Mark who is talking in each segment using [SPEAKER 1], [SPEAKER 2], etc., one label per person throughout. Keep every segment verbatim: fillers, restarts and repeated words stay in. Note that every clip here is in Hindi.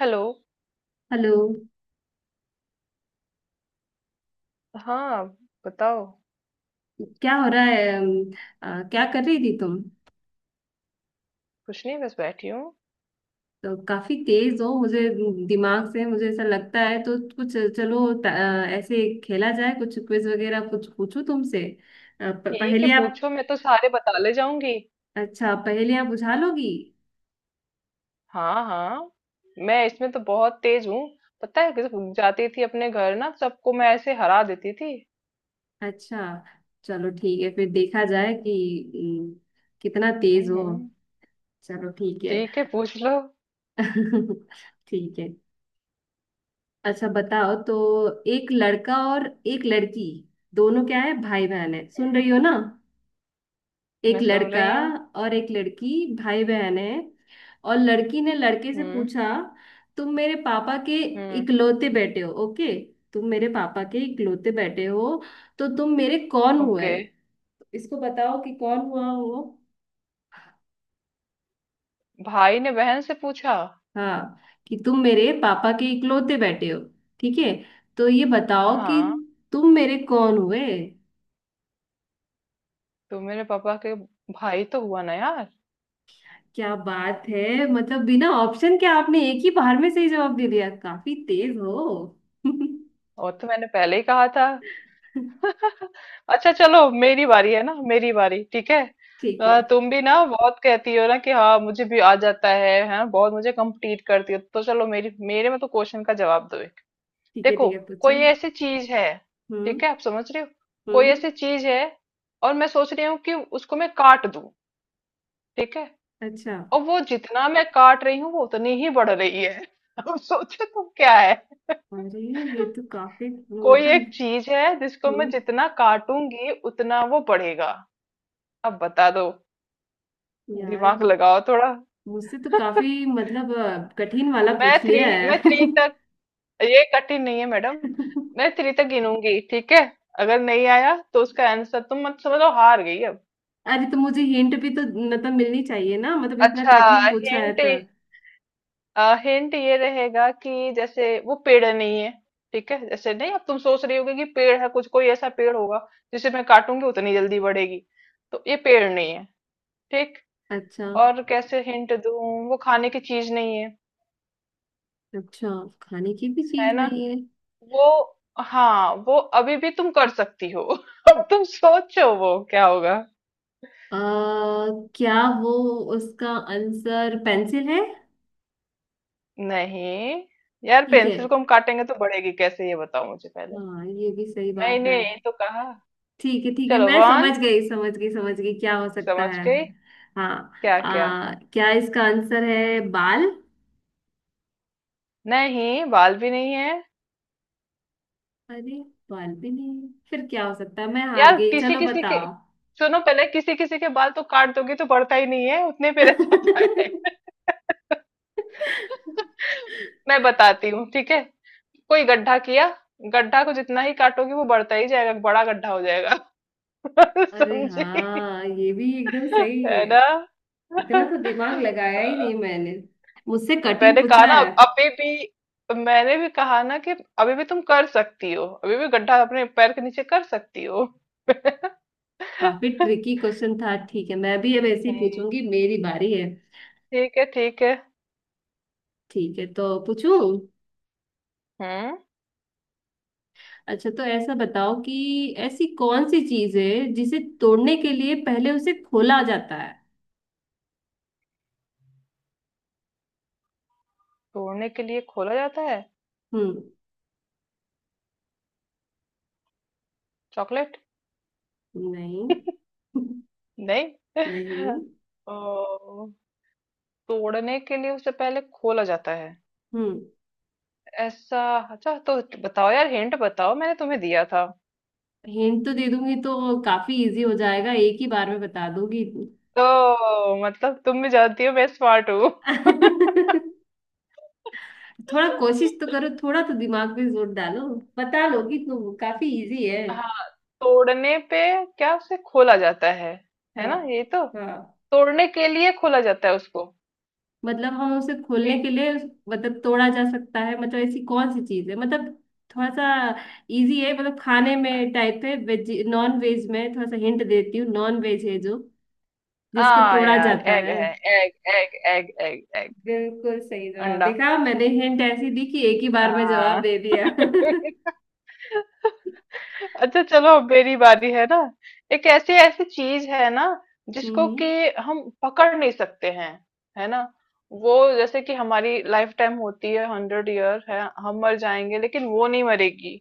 [SPEAKER 1] हेलो।
[SPEAKER 2] हेलो।
[SPEAKER 1] हाँ, बताओ।
[SPEAKER 2] क्या हो रहा है? अम, आ, क्या कर रही थी तुम?
[SPEAKER 1] कुछ नहीं, बस बैठी हूँ।
[SPEAKER 2] तो काफी तेज हो मुझे दिमाग से, मुझे ऐसा लगता है। तो कुछ चलो त- आ, ऐसे खेला जाए, कुछ क्विज वगैरह कुछ पूछूं तुमसे। आ, प-
[SPEAKER 1] ठीक है,
[SPEAKER 2] पहेलियाँ।
[SPEAKER 1] पूछो, मैं तो सारे बता ले जाऊंगी।
[SPEAKER 2] अच्छा, पहेलियाँ बुझा लोगी?
[SPEAKER 1] हाँ हाँ, मैं इसमें तो बहुत तेज हूँ। पता है, जब जाती थी अपने घर ना, सबको मैं ऐसे हरा देती थी।
[SPEAKER 2] अच्छा, चलो ठीक है, फिर देखा जाए कि अम, कितना तेज
[SPEAKER 1] हम्म
[SPEAKER 2] हो।
[SPEAKER 1] हम्म,
[SPEAKER 2] चलो ठीक है।
[SPEAKER 1] ठीक है, पूछ लो।
[SPEAKER 2] ठीक है। अच्छा बताओ तो, एक लड़का और एक लड़की, दोनों क्या है, भाई बहन है, सुन
[SPEAKER 1] हम्म,
[SPEAKER 2] रही हो ना। एक
[SPEAKER 1] मैं सुन
[SPEAKER 2] लड़का
[SPEAKER 1] रही हूँ।
[SPEAKER 2] और एक लड़की, भाई बहन है। और लड़की ने लड़के से
[SPEAKER 1] हम्म।
[SPEAKER 2] पूछा, तुम मेरे पापा के
[SPEAKER 1] हम्म।
[SPEAKER 2] इकलौते बेटे हो, ओके। तुम मेरे पापा के इकलौते बेटे हो, तो तुम मेरे कौन हुए?
[SPEAKER 1] ओके।
[SPEAKER 2] इसको बताओ कि कौन हुआ वो।
[SPEAKER 1] भाई ने बहन से पूछा,
[SPEAKER 2] हाँ, कि तुम मेरे पापा के इकलौते बेटे हो, ठीक है, तो ये बताओ कि
[SPEAKER 1] हाँ,
[SPEAKER 2] तुम मेरे कौन हुए?
[SPEAKER 1] तुम मेरे पापा के, भाई तो हुआ ना यार।
[SPEAKER 2] क्या बात है, मतलब बिना ऑप्शन के आपने एक ही बार में सही जवाब दे दिया, काफी तेज हो।
[SPEAKER 1] और तो मैंने पहले ही कहा था। अच्छा चलो, मेरी बारी है ना, मेरी बारी, ठीक है।
[SPEAKER 2] ठीक है।
[SPEAKER 1] अ, तुम भी ना बहुत कहती हो ना कि हाँ मुझे भी आ जाता है, हैं बहुत, मुझे कंप्लीट करती हो, तो चलो मेरी, मेरे में तो क्वेश्चन का जवाब दो एक।
[SPEAKER 2] ठीक है
[SPEAKER 1] देखो,
[SPEAKER 2] ठीक है
[SPEAKER 1] कोई
[SPEAKER 2] पूछो।
[SPEAKER 1] ऐसी चीज है,
[SPEAKER 2] हम्म।
[SPEAKER 1] ठीक है, आप समझ रहे हो। कोई
[SPEAKER 2] हम्म।
[SPEAKER 1] ऐसी चीज है और मैं सोच रही हूँ कि उसको मैं काट दूं, ठीक है।
[SPEAKER 2] अच्छा।
[SPEAKER 1] और वो जितना मैं काट रही हूँ वो उतनी ही बढ़ रही है। अब सोचो तुम क्या है।
[SPEAKER 2] अरे, ये तो काफी
[SPEAKER 1] कोई
[SPEAKER 2] मतलब।
[SPEAKER 1] एक चीज है जिसको मैं
[SPEAKER 2] हम्म।
[SPEAKER 1] जितना काटूंगी उतना वो बढ़ेगा। अब बता दो,
[SPEAKER 2] यार,
[SPEAKER 1] दिमाग लगाओ थोड़ा।
[SPEAKER 2] मुझसे तो काफी मतलब अ, कठिन वाला
[SPEAKER 1] मैं
[SPEAKER 2] पूछ
[SPEAKER 1] थ्री
[SPEAKER 2] लिया
[SPEAKER 1] मैं
[SPEAKER 2] है।
[SPEAKER 1] थ्री तक, ये कठिन नहीं है मैडम। मैं थ्री तक गिनूंगी, ठीक है। अगर नहीं आया तो उसका आंसर तुम मत समझो, हार गई अब।
[SPEAKER 2] अरे, तो मुझे हिंट भी तो मतलब मिलनी चाहिए ना, मतलब इतना
[SPEAKER 1] अच्छा।
[SPEAKER 2] कठिन पूछा है
[SPEAKER 1] हिंट।
[SPEAKER 2] तो।
[SPEAKER 1] हिंट ये रहेगा कि जैसे वो पेड़ नहीं है, ठीक है, जैसे नहीं। अब तुम सोच रही होगी कि पेड़ है, कुछ कोई ऐसा पेड़ होगा जिसे मैं काटूंगी उतनी जल्दी बढ़ेगी, तो ये पेड़ नहीं है, ठीक।
[SPEAKER 2] अच्छा।
[SPEAKER 1] और कैसे हिंट दूं, वो खाने की चीज नहीं है,
[SPEAKER 2] अच्छा, खाने की भी
[SPEAKER 1] है
[SPEAKER 2] चीज
[SPEAKER 1] ना।
[SPEAKER 2] नहीं है।
[SPEAKER 1] वो, हाँ वो अभी भी तुम कर सकती हो। अब तुम सोचो वो क्या होगा।
[SPEAKER 2] आ, क्या वो, उसका आंसर पेंसिल है?
[SPEAKER 1] नहीं। यार
[SPEAKER 2] ठीक है,
[SPEAKER 1] पेंसिल को हम काटेंगे तो बढ़ेगी कैसे, ये बताओ मुझे पहले।
[SPEAKER 2] हाँ ये भी सही बात
[SPEAKER 1] मैंने
[SPEAKER 2] है।
[SPEAKER 1] यही तो कहा।
[SPEAKER 2] ठीक है ठीक है,
[SPEAKER 1] चलो
[SPEAKER 2] मैं समझ
[SPEAKER 1] वन।
[SPEAKER 2] गई समझ गई समझ गई क्या हो सकता
[SPEAKER 1] समझ
[SPEAKER 2] है?
[SPEAKER 1] गई।
[SPEAKER 2] हाँ,
[SPEAKER 1] क्या क्या?
[SPEAKER 2] आ, क्या इसका आंसर है बाल?
[SPEAKER 1] नहीं बाल भी नहीं है।
[SPEAKER 2] अरे, बाल भी नहीं, फिर क्या हो सकता है? मैं हार
[SPEAKER 1] यार
[SPEAKER 2] गई,
[SPEAKER 1] किसी
[SPEAKER 2] चलो
[SPEAKER 1] किसी के
[SPEAKER 2] बताओ।
[SPEAKER 1] सुनो पहले, किसी किसी के बाल तो काट दोगी तो बढ़ता ही नहीं है, उतने पे रह जाता है। मैं बताती हूँ, ठीक है। कोई गड्ढा किया, गड्ढा को जितना ही काटोगी वो बढ़ता ही जाएगा, बड़ा गड्ढा हो जाएगा।
[SPEAKER 2] अरे
[SPEAKER 1] समझी?
[SPEAKER 2] हाँ, ये भी एकदम सही
[SPEAKER 1] है
[SPEAKER 2] है।
[SPEAKER 1] ना?
[SPEAKER 2] इतना
[SPEAKER 1] हाँ।
[SPEAKER 2] तो दिमाग लगाया ही नहीं मैंने, मुझसे कठिन
[SPEAKER 1] मैंने कहा
[SPEAKER 2] पूछा
[SPEAKER 1] ना,
[SPEAKER 2] है।
[SPEAKER 1] अभी भी मैंने भी कहा ना कि अभी भी तुम कर सकती हो, अभी भी गड्ढा अपने पैर के नीचे कर सकती हो।
[SPEAKER 2] काफी ट्रिकी क्वेश्चन था। ठीक है, मैं भी अब ऐसे ही
[SPEAKER 1] हम्म,
[SPEAKER 2] पूछूंगी, मेरी बारी है।
[SPEAKER 1] ठीक है ठीक है।
[SPEAKER 2] ठीक है, तो पूछूं?
[SPEAKER 1] हम्म।
[SPEAKER 2] अच्छा, तो ऐसा बताओ कि ऐसी कौन सी चीज है जिसे तोड़ने के लिए पहले उसे खोला जाता है?
[SPEAKER 1] तोड़ने के लिए खोला जाता है?
[SPEAKER 2] हम्म।
[SPEAKER 1] चॉकलेट।
[SPEAKER 2] नहीं।
[SPEAKER 1] नहीं।
[SPEAKER 2] नहीं।
[SPEAKER 1] ओ, तोड़ने के लिए उसे पहले खोला जाता है?
[SPEAKER 2] हम्म।
[SPEAKER 1] ऐसा? अच्छा तो बताओ यार, हिंट बताओ, मैंने तुम्हें दिया था।
[SPEAKER 2] हिंट तो दे दूंगी तो काफी इजी हो जाएगा, एक ही बार में बता दूंगी।
[SPEAKER 1] ओ मतलब तुम भी जानती हो मैं स्मार्ट हूँ।
[SPEAKER 2] थोड़ा कोशिश तो करो, थोड़ा तो दिमाग पे जोर डालो। बता लोगी तुम, काफी इजी है।
[SPEAKER 1] हाँ। तोड़ने पे क्या उसे खोला जाता है? है
[SPEAKER 2] हाँ।
[SPEAKER 1] ना ये तो,
[SPEAKER 2] हाँ,
[SPEAKER 1] तोड़ने के लिए खोला जाता है उसको।
[SPEAKER 2] मतलब हम उसे
[SPEAKER 1] जी।
[SPEAKER 2] खोलने के लिए उस- मतलब तोड़ा जा सकता है, मतलब ऐसी कौन सी चीज है मतलब। थोड़ा सा इजी है, मतलब खाने में टाइप है, वेज नॉन वेज में थोड़ा सा हिंट देती हूँ, नॉन वेज है जो जिसको
[SPEAKER 1] हाँ
[SPEAKER 2] तोड़ा
[SPEAKER 1] यार
[SPEAKER 2] जाता
[SPEAKER 1] एग
[SPEAKER 2] है।
[SPEAKER 1] है, egg egg egg egg egg.
[SPEAKER 2] बिल्कुल सही जवाब,
[SPEAKER 1] अंडा।
[SPEAKER 2] देखा मैंने हिंट ऐसी दी कि एक ही बार में जवाब
[SPEAKER 1] हाँ।
[SPEAKER 2] दे दिया।
[SPEAKER 1] अच्छा चलो अब मेरी बारी है ना। एक ऐसी ऐसी चीज है ना, जिसको कि
[SPEAKER 2] हम्म।
[SPEAKER 1] हम पकड़ नहीं सकते हैं, है ना। वो जैसे कि हमारी लाइफ टाइम होती है हंड्रेड ईयर, है, हम मर जाएंगे लेकिन वो नहीं मरेगी,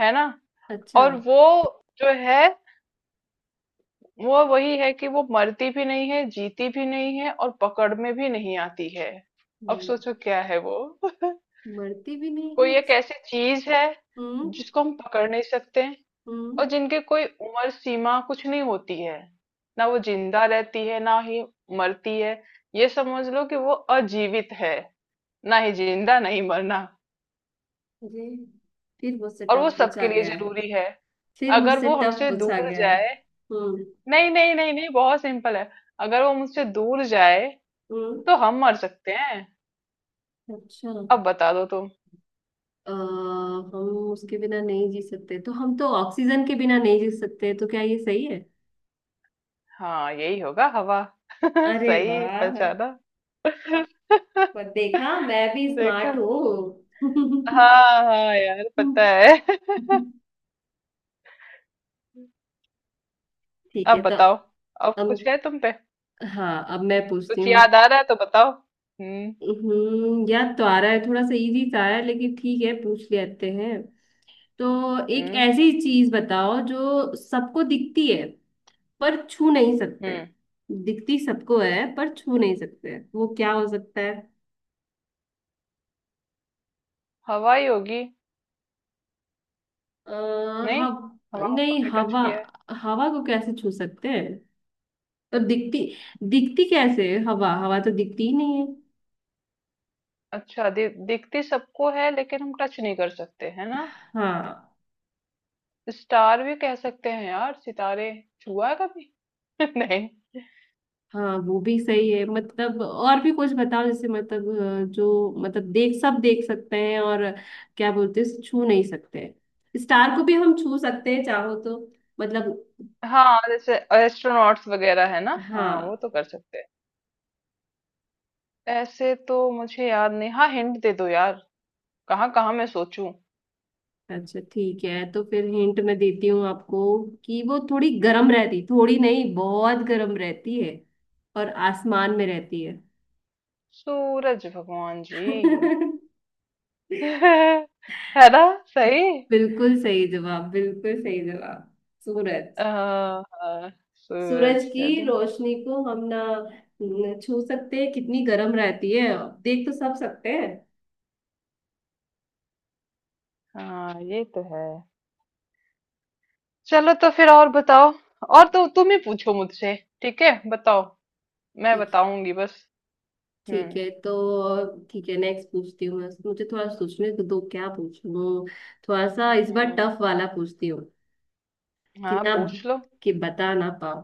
[SPEAKER 1] है ना।
[SPEAKER 2] अच्छा।
[SPEAKER 1] और वो जो है, वो वही है कि वो मरती भी नहीं है, जीती भी नहीं है और पकड़ में भी नहीं आती है। अब
[SPEAKER 2] मर,
[SPEAKER 1] सोचो क्या है वो।
[SPEAKER 2] मरती भी नहीं
[SPEAKER 1] कोई
[SPEAKER 2] है।
[SPEAKER 1] एक ऐसी चीज है
[SPEAKER 2] हम्म।
[SPEAKER 1] जिसको हम पकड़ नहीं सकते, और
[SPEAKER 2] हम्म।
[SPEAKER 1] जिनके कोई उम्र सीमा कुछ नहीं होती है, ना वो जिंदा रहती है ना ही मरती है। ये समझ लो कि वो अजीवित है, ना ही जिंदा नहीं मरना।
[SPEAKER 2] अरे, फिर मुझसे
[SPEAKER 1] और वो
[SPEAKER 2] टफ पूछा
[SPEAKER 1] सबके लिए
[SPEAKER 2] गया है।
[SPEAKER 1] जरूरी है।
[SPEAKER 2] फिर
[SPEAKER 1] अगर
[SPEAKER 2] मुझसे
[SPEAKER 1] वो
[SPEAKER 2] टफ
[SPEAKER 1] हमसे
[SPEAKER 2] पूछा
[SPEAKER 1] दूर
[SPEAKER 2] गया है।
[SPEAKER 1] जाए,
[SPEAKER 2] हम्म।
[SPEAKER 1] नहीं नहीं नहीं नहीं, बहुत सिंपल है। अगर वो मुझसे दूर जाए
[SPEAKER 2] हम्म।
[SPEAKER 1] तो हम मर सकते हैं।
[SPEAKER 2] अच्छा।
[SPEAKER 1] अब बता दो तुम।
[SPEAKER 2] आ, हम उसके बिना नहीं जी सकते, तो हम तो ऑक्सीजन के बिना नहीं जी सकते, तो क्या ये सही है?
[SPEAKER 1] हाँ यही होगा, हवा।
[SPEAKER 2] अरे
[SPEAKER 1] सही
[SPEAKER 2] वाह,
[SPEAKER 1] पहचाना।
[SPEAKER 2] पर देखा, मैं भी स्मार्ट
[SPEAKER 1] देखा।
[SPEAKER 2] हूँ।
[SPEAKER 1] हाँ। हाँ यार पता है।
[SPEAKER 2] ठीक है
[SPEAKER 1] अब
[SPEAKER 2] तो,
[SPEAKER 1] बताओ, अब
[SPEAKER 2] अब
[SPEAKER 1] कुछ है तुम पे?
[SPEAKER 2] हाँ, अब मैं पूछती
[SPEAKER 1] कुछ
[SPEAKER 2] हूँ।
[SPEAKER 1] याद आ रहा है तो बताओ। हम्म।
[SPEAKER 2] हम्म, याद तो आ रहा है, थोड़ा सा इजी था यार, लेकिन ठीक है, पूछ लेते हैं। तो एक
[SPEAKER 1] हम्म
[SPEAKER 2] ऐसी चीज बताओ जो सबको दिखती है पर छू नहीं सकते
[SPEAKER 1] हम्म
[SPEAKER 2] हैं। दिखती सबको है पर छू नहीं सकते हैं, वो क्या हो सकता है?
[SPEAKER 1] हवाई होगी?
[SPEAKER 2] आ,
[SPEAKER 1] नहीं।
[SPEAKER 2] हव,
[SPEAKER 1] हवा को
[SPEAKER 2] नहीं
[SPEAKER 1] कभी टच
[SPEAKER 2] हवा।
[SPEAKER 1] किया है?
[SPEAKER 2] हवा को कैसे छू सकते हैं? तो दिखती, दिखती कैसे है? हवा, हवा तो दिखती ही नहीं है।
[SPEAKER 1] अच्छा, दि, दिखती सबको है लेकिन हम टच नहीं कर सकते, है ना।
[SPEAKER 2] हाँ।
[SPEAKER 1] स्टार भी कह सकते हैं यार, सितारे छुआ है कभी? नहीं।
[SPEAKER 2] हाँ, वो भी सही है, मतलब और भी कुछ बताओ, जैसे मतलब अ, जो मतलब देख, सब देख सकते हैं और क्या बोलते हैं, छू नहीं सकते हैं। स्टार को भी हम छू सकते हैं चाहो तो, मतलब।
[SPEAKER 1] हाँ जैसे एस्ट्रोनॉट्स वगैरह है ना, हाँ वो
[SPEAKER 2] हाँ।
[SPEAKER 1] तो कर सकते हैं। ऐसे तो मुझे याद नहीं, हाँ हिंट दे दो यार, कहाँ कहाँ मैं सोचूं।
[SPEAKER 2] अच्छा ठीक है, तो फिर हिंट मैं देती हूँ आपको, कि वो थोड़ी
[SPEAKER 1] हम्म
[SPEAKER 2] गर्म रहती, थोड़ी नहीं बहुत गर्म रहती है और आसमान में रहती है।
[SPEAKER 1] सूरज भगवान जी। है ना? सही।
[SPEAKER 2] बिल्कुल सही जवाब, बिल्कुल सही जवाब। सूरज,
[SPEAKER 1] हाँ हाँ,
[SPEAKER 2] सूरज
[SPEAKER 1] सूरज
[SPEAKER 2] की
[SPEAKER 1] है ना।
[SPEAKER 2] रोशनी को हम ना न- छू सकते हैं, कितनी गर्म रहती है, देख तो सब सकते हैं।
[SPEAKER 1] हाँ ये तो है। चलो तो फिर और बताओ, और तो तुम ही पूछो मुझसे, ठीक है बताओ, मैं
[SPEAKER 2] ठीक।
[SPEAKER 1] बताऊंगी बस। हम्म।
[SPEAKER 2] ठीक है तो, ठीक है, नेक्स्ट पूछती हूँ मैं, मुझे थोड़ा सोचने दो दो, क्या पूछूं। थोड़ा सा इस बार
[SPEAKER 1] हम्म,
[SPEAKER 2] टफ वाला पूछती हूँ, कि
[SPEAKER 1] हाँ
[SPEAKER 2] ना,
[SPEAKER 1] पूछ लो।
[SPEAKER 2] कि बता ना पाओ।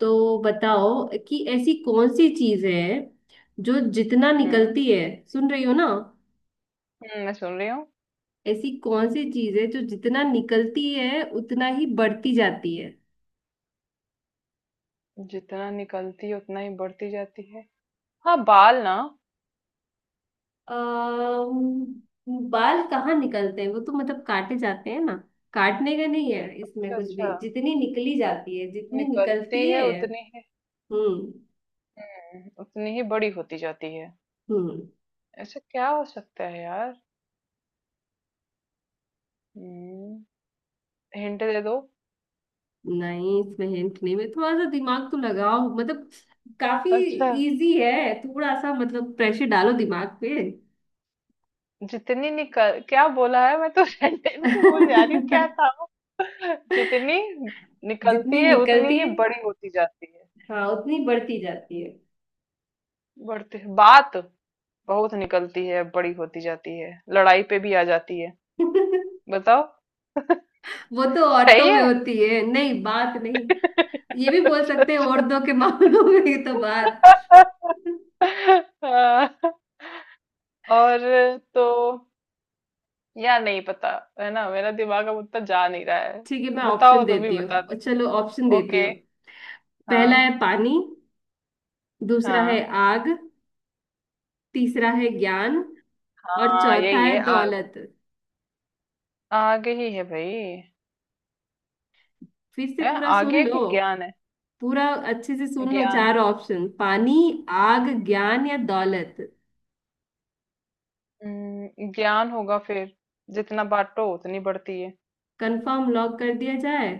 [SPEAKER 2] तो बताओ कि ऐसी कौन सी चीज है जो जितना
[SPEAKER 1] हम्म
[SPEAKER 2] निकलती है, सुन रही हो ना?
[SPEAKER 1] हम्म, मैं सुन रही हूँ।
[SPEAKER 2] ऐसी कौन सी चीज है जो जितना निकलती है उतना ही बढ़ती जाती है?
[SPEAKER 1] जितना निकलती है उतना ही बढ़ती जाती है? हाँ, बाल ना?
[SPEAKER 2] अम्म, बाल कहाँ निकलते हैं, वो तो मतलब काटे जाते हैं ना। काटने का नहीं है इसमें
[SPEAKER 1] अच्छा
[SPEAKER 2] कुछ
[SPEAKER 1] अच्छा।
[SPEAKER 2] भी, जितनी निकली जाती है, जितनी निकलती
[SPEAKER 1] निकलती है
[SPEAKER 2] है।
[SPEAKER 1] उतनी ही,
[SPEAKER 2] हम्म।
[SPEAKER 1] हम्म, उतनी ही बड़ी होती जाती है।
[SPEAKER 2] हम्म।
[SPEAKER 1] ऐसा क्या हो सकता है यार। हम्म। हिंट दे दो।
[SPEAKER 2] नहीं, इसमें हिंट नहीं, मैं थोड़ा सा दिमाग तो लगाओ मतलब, काफी
[SPEAKER 1] अच्छा।
[SPEAKER 2] इजी है, थोड़ा सा मतलब प्रेशर डालो दिमाग पे।
[SPEAKER 1] जितनी निकल, क्या बोला है मैं तो सेंटेंस ही भूल जा रही हूँ, क्या था? जितनी निकलती
[SPEAKER 2] जितनी
[SPEAKER 1] है उतनी
[SPEAKER 2] निकलती
[SPEAKER 1] ही
[SPEAKER 2] है,
[SPEAKER 1] बड़ी होती जाती है।
[SPEAKER 2] हाँ उतनी बढ़ती जाती है।
[SPEAKER 1] बढ़ती है बात, बहुत निकलती है, बड़ी होती जाती है, लड़ाई पे भी आ जाती है। बताओ।
[SPEAKER 2] वो तो
[SPEAKER 1] सही
[SPEAKER 2] औरतों में
[SPEAKER 1] है।
[SPEAKER 2] होती है, नहीं बात नहीं। ये भी बोल
[SPEAKER 1] अच्छा,
[SPEAKER 2] सकते हैं,
[SPEAKER 1] अच्छा।
[SPEAKER 2] औरतों के मामलों में ये तो बात।
[SPEAKER 1] हाँ। और तो, या नहीं पता, है ना, मेरा दिमाग अब उतना जा नहीं रहा है।
[SPEAKER 2] ठीक है, मैं ऑप्शन
[SPEAKER 1] बताओ तुम ही
[SPEAKER 2] देती
[SPEAKER 1] बता
[SPEAKER 2] हूँ,
[SPEAKER 1] दो।
[SPEAKER 2] चलो ऑप्शन देती
[SPEAKER 1] ओके।
[SPEAKER 2] हूँ। पहला
[SPEAKER 1] हाँ।
[SPEAKER 2] है पानी, दूसरा है
[SPEAKER 1] हाँ।
[SPEAKER 2] आग, तीसरा है ज्ञान, और
[SPEAKER 1] हाँ
[SPEAKER 2] चौथा
[SPEAKER 1] यही है,
[SPEAKER 2] है
[SPEAKER 1] आग।
[SPEAKER 2] दौलत।
[SPEAKER 1] आगे ही है भाई।
[SPEAKER 2] फिर से
[SPEAKER 1] है
[SPEAKER 2] पूरा
[SPEAKER 1] आगे
[SPEAKER 2] सुन
[SPEAKER 1] है
[SPEAKER 2] लो,
[SPEAKER 1] कि ज्ञान है।
[SPEAKER 2] पूरा अच्छे से सुन लो।
[SPEAKER 1] ज्ञान।
[SPEAKER 2] चार ऑप्शन: पानी, आग, ज्ञान या
[SPEAKER 1] हम्म,
[SPEAKER 2] दौलत।
[SPEAKER 1] हम्म, ज्ञान होगा फिर, जितना बांटो उतनी बढ़ती है।
[SPEAKER 2] कंफर्म लॉक कर दिया जाए?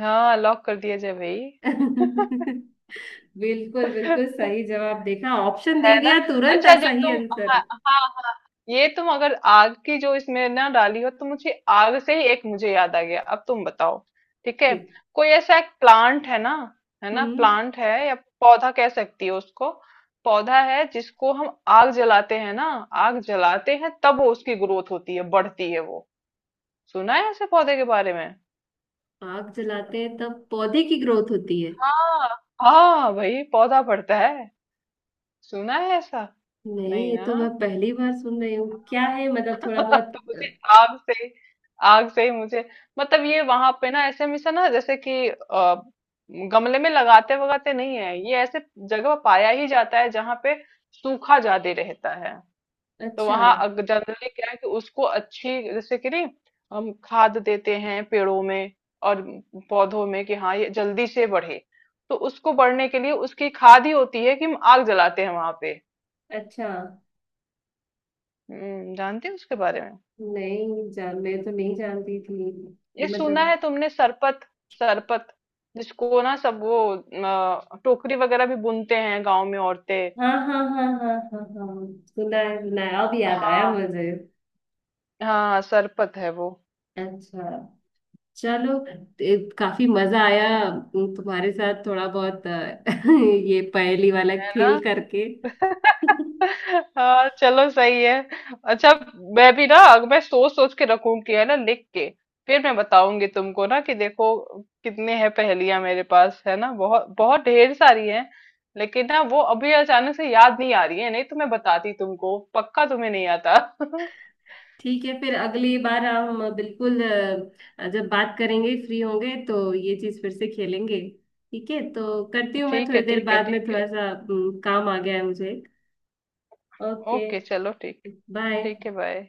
[SPEAKER 1] हाँ लॉक कर दिया जाए भाई।
[SPEAKER 2] बिल्कुल बिल्कुल सही जवाब, देखा ऑप्शन दे
[SPEAKER 1] है ना।
[SPEAKER 2] दिया तुरंत आ
[SPEAKER 1] अच्छा जब
[SPEAKER 2] सही
[SPEAKER 1] तुम, हाँ
[SPEAKER 2] आंसर।
[SPEAKER 1] हाँ हाँ, ये तुम अगर आग की जो इसमें ना डाली हो, तो मुझे आग से ही एक मुझे याद आ गया, अब तुम बताओ, ठीक है।
[SPEAKER 2] ठीक।
[SPEAKER 1] कोई ऐसा एक प्लांट है ना, है ना,
[SPEAKER 2] हम्म।
[SPEAKER 1] प्लांट है या पौधा कह सकती हो उसको, पौधा है जिसको हम आग जलाते हैं ना, आग जलाते हैं तब वो उसकी ग्रोथ होती है, बढ़ती है वो। सुना है ऐसे पौधे के बारे में?
[SPEAKER 2] आग जलाते हैं तब पौधे की ग्रोथ होती है?
[SPEAKER 1] हाँ। हाँ भाई पौधा बढ़ता है, सुना है ऐसा?
[SPEAKER 2] नहीं,
[SPEAKER 1] नहीं
[SPEAKER 2] ये
[SPEAKER 1] ना।
[SPEAKER 2] तो मैं पहली बार सुन रही हूँ। क्या है, मतलब थोड़ा
[SPEAKER 1] तो मुझे
[SPEAKER 2] बहुत।
[SPEAKER 1] आग से ही- आग से ही मुझे मतलब, ये वहां पे ना ऐसे हमेशा ना, जैसे कि अ, गमले में लगाते वगाते नहीं है ये, ऐसे जगह पर पाया ही जाता है जहाँ पे सूखा ज्यादा रहता है। तो
[SPEAKER 2] अच्छा।
[SPEAKER 1] वहां जनरली क्या है, कि उसको अच्छी जैसे कि नहीं, हम खाद देते हैं पेड़ों में और पौधों में कि हाँ ये जल्दी से बढ़े, तो उसको बढ़ने के लिए उसकी खाद ही होती है कि हम आग जलाते हैं वहां पे।
[SPEAKER 2] अच्छा।
[SPEAKER 1] हम्म, जानते हैं उसके बारे में?
[SPEAKER 2] नहीं जान, मैं तो नहीं जानती थी। ये
[SPEAKER 1] ये सुना
[SPEAKER 2] मतलब?
[SPEAKER 1] है तुमने, सरपत। सरपत, जिसको ना सब वो अ, टोकरी वगैरह भी बुनते हैं गांव में औरतें।
[SPEAKER 2] हाँ हाँ हाँ हाँ हाँ हाँ, सुना है, सुना है, अब याद आया
[SPEAKER 1] हाँ
[SPEAKER 2] मुझे।
[SPEAKER 1] हाँ। सरपत है वो।
[SPEAKER 2] अच्छा। चलो, ए, काफी मजा आया उम, तुम्हारे साथ थोड़ा बहुत अ, ये पहेली वाला
[SPEAKER 1] है
[SPEAKER 2] खेल करके।
[SPEAKER 1] ना। हाँ चलो सही है। अच्छा, मैं भी ना, अब मैं सोच सोच के रखूंगी है ना, लिख के, फिर मैं बताऊंगी तुमको ना कि देखो कितने हैं पहेलियां मेरे पास, है ना, बहुत बहुत ढेर सारी हैं, लेकिन ना वो अभी अचानक से याद नहीं आ रही है, नहीं तो मैं बताती तुमको पक्का, तुम्हें नहीं आता।
[SPEAKER 2] ठीक है, फिर अगली बार हम बिल्कुल अ, जब बात करेंगे, फ्री होंगे तो ये चीज फिर से खेलेंगे। ठीक है, तो करती हूँ मैं
[SPEAKER 1] ठीक है
[SPEAKER 2] थोड़ी देर
[SPEAKER 1] ठीक है
[SPEAKER 2] बाद में,
[SPEAKER 1] ठीक है।
[SPEAKER 2] थोड़ा सा उम, काम आ गया है मुझे। ओके।
[SPEAKER 1] ओके चलो ठीक।
[SPEAKER 2] बाय।
[SPEAKER 1] ठीक है, बाय।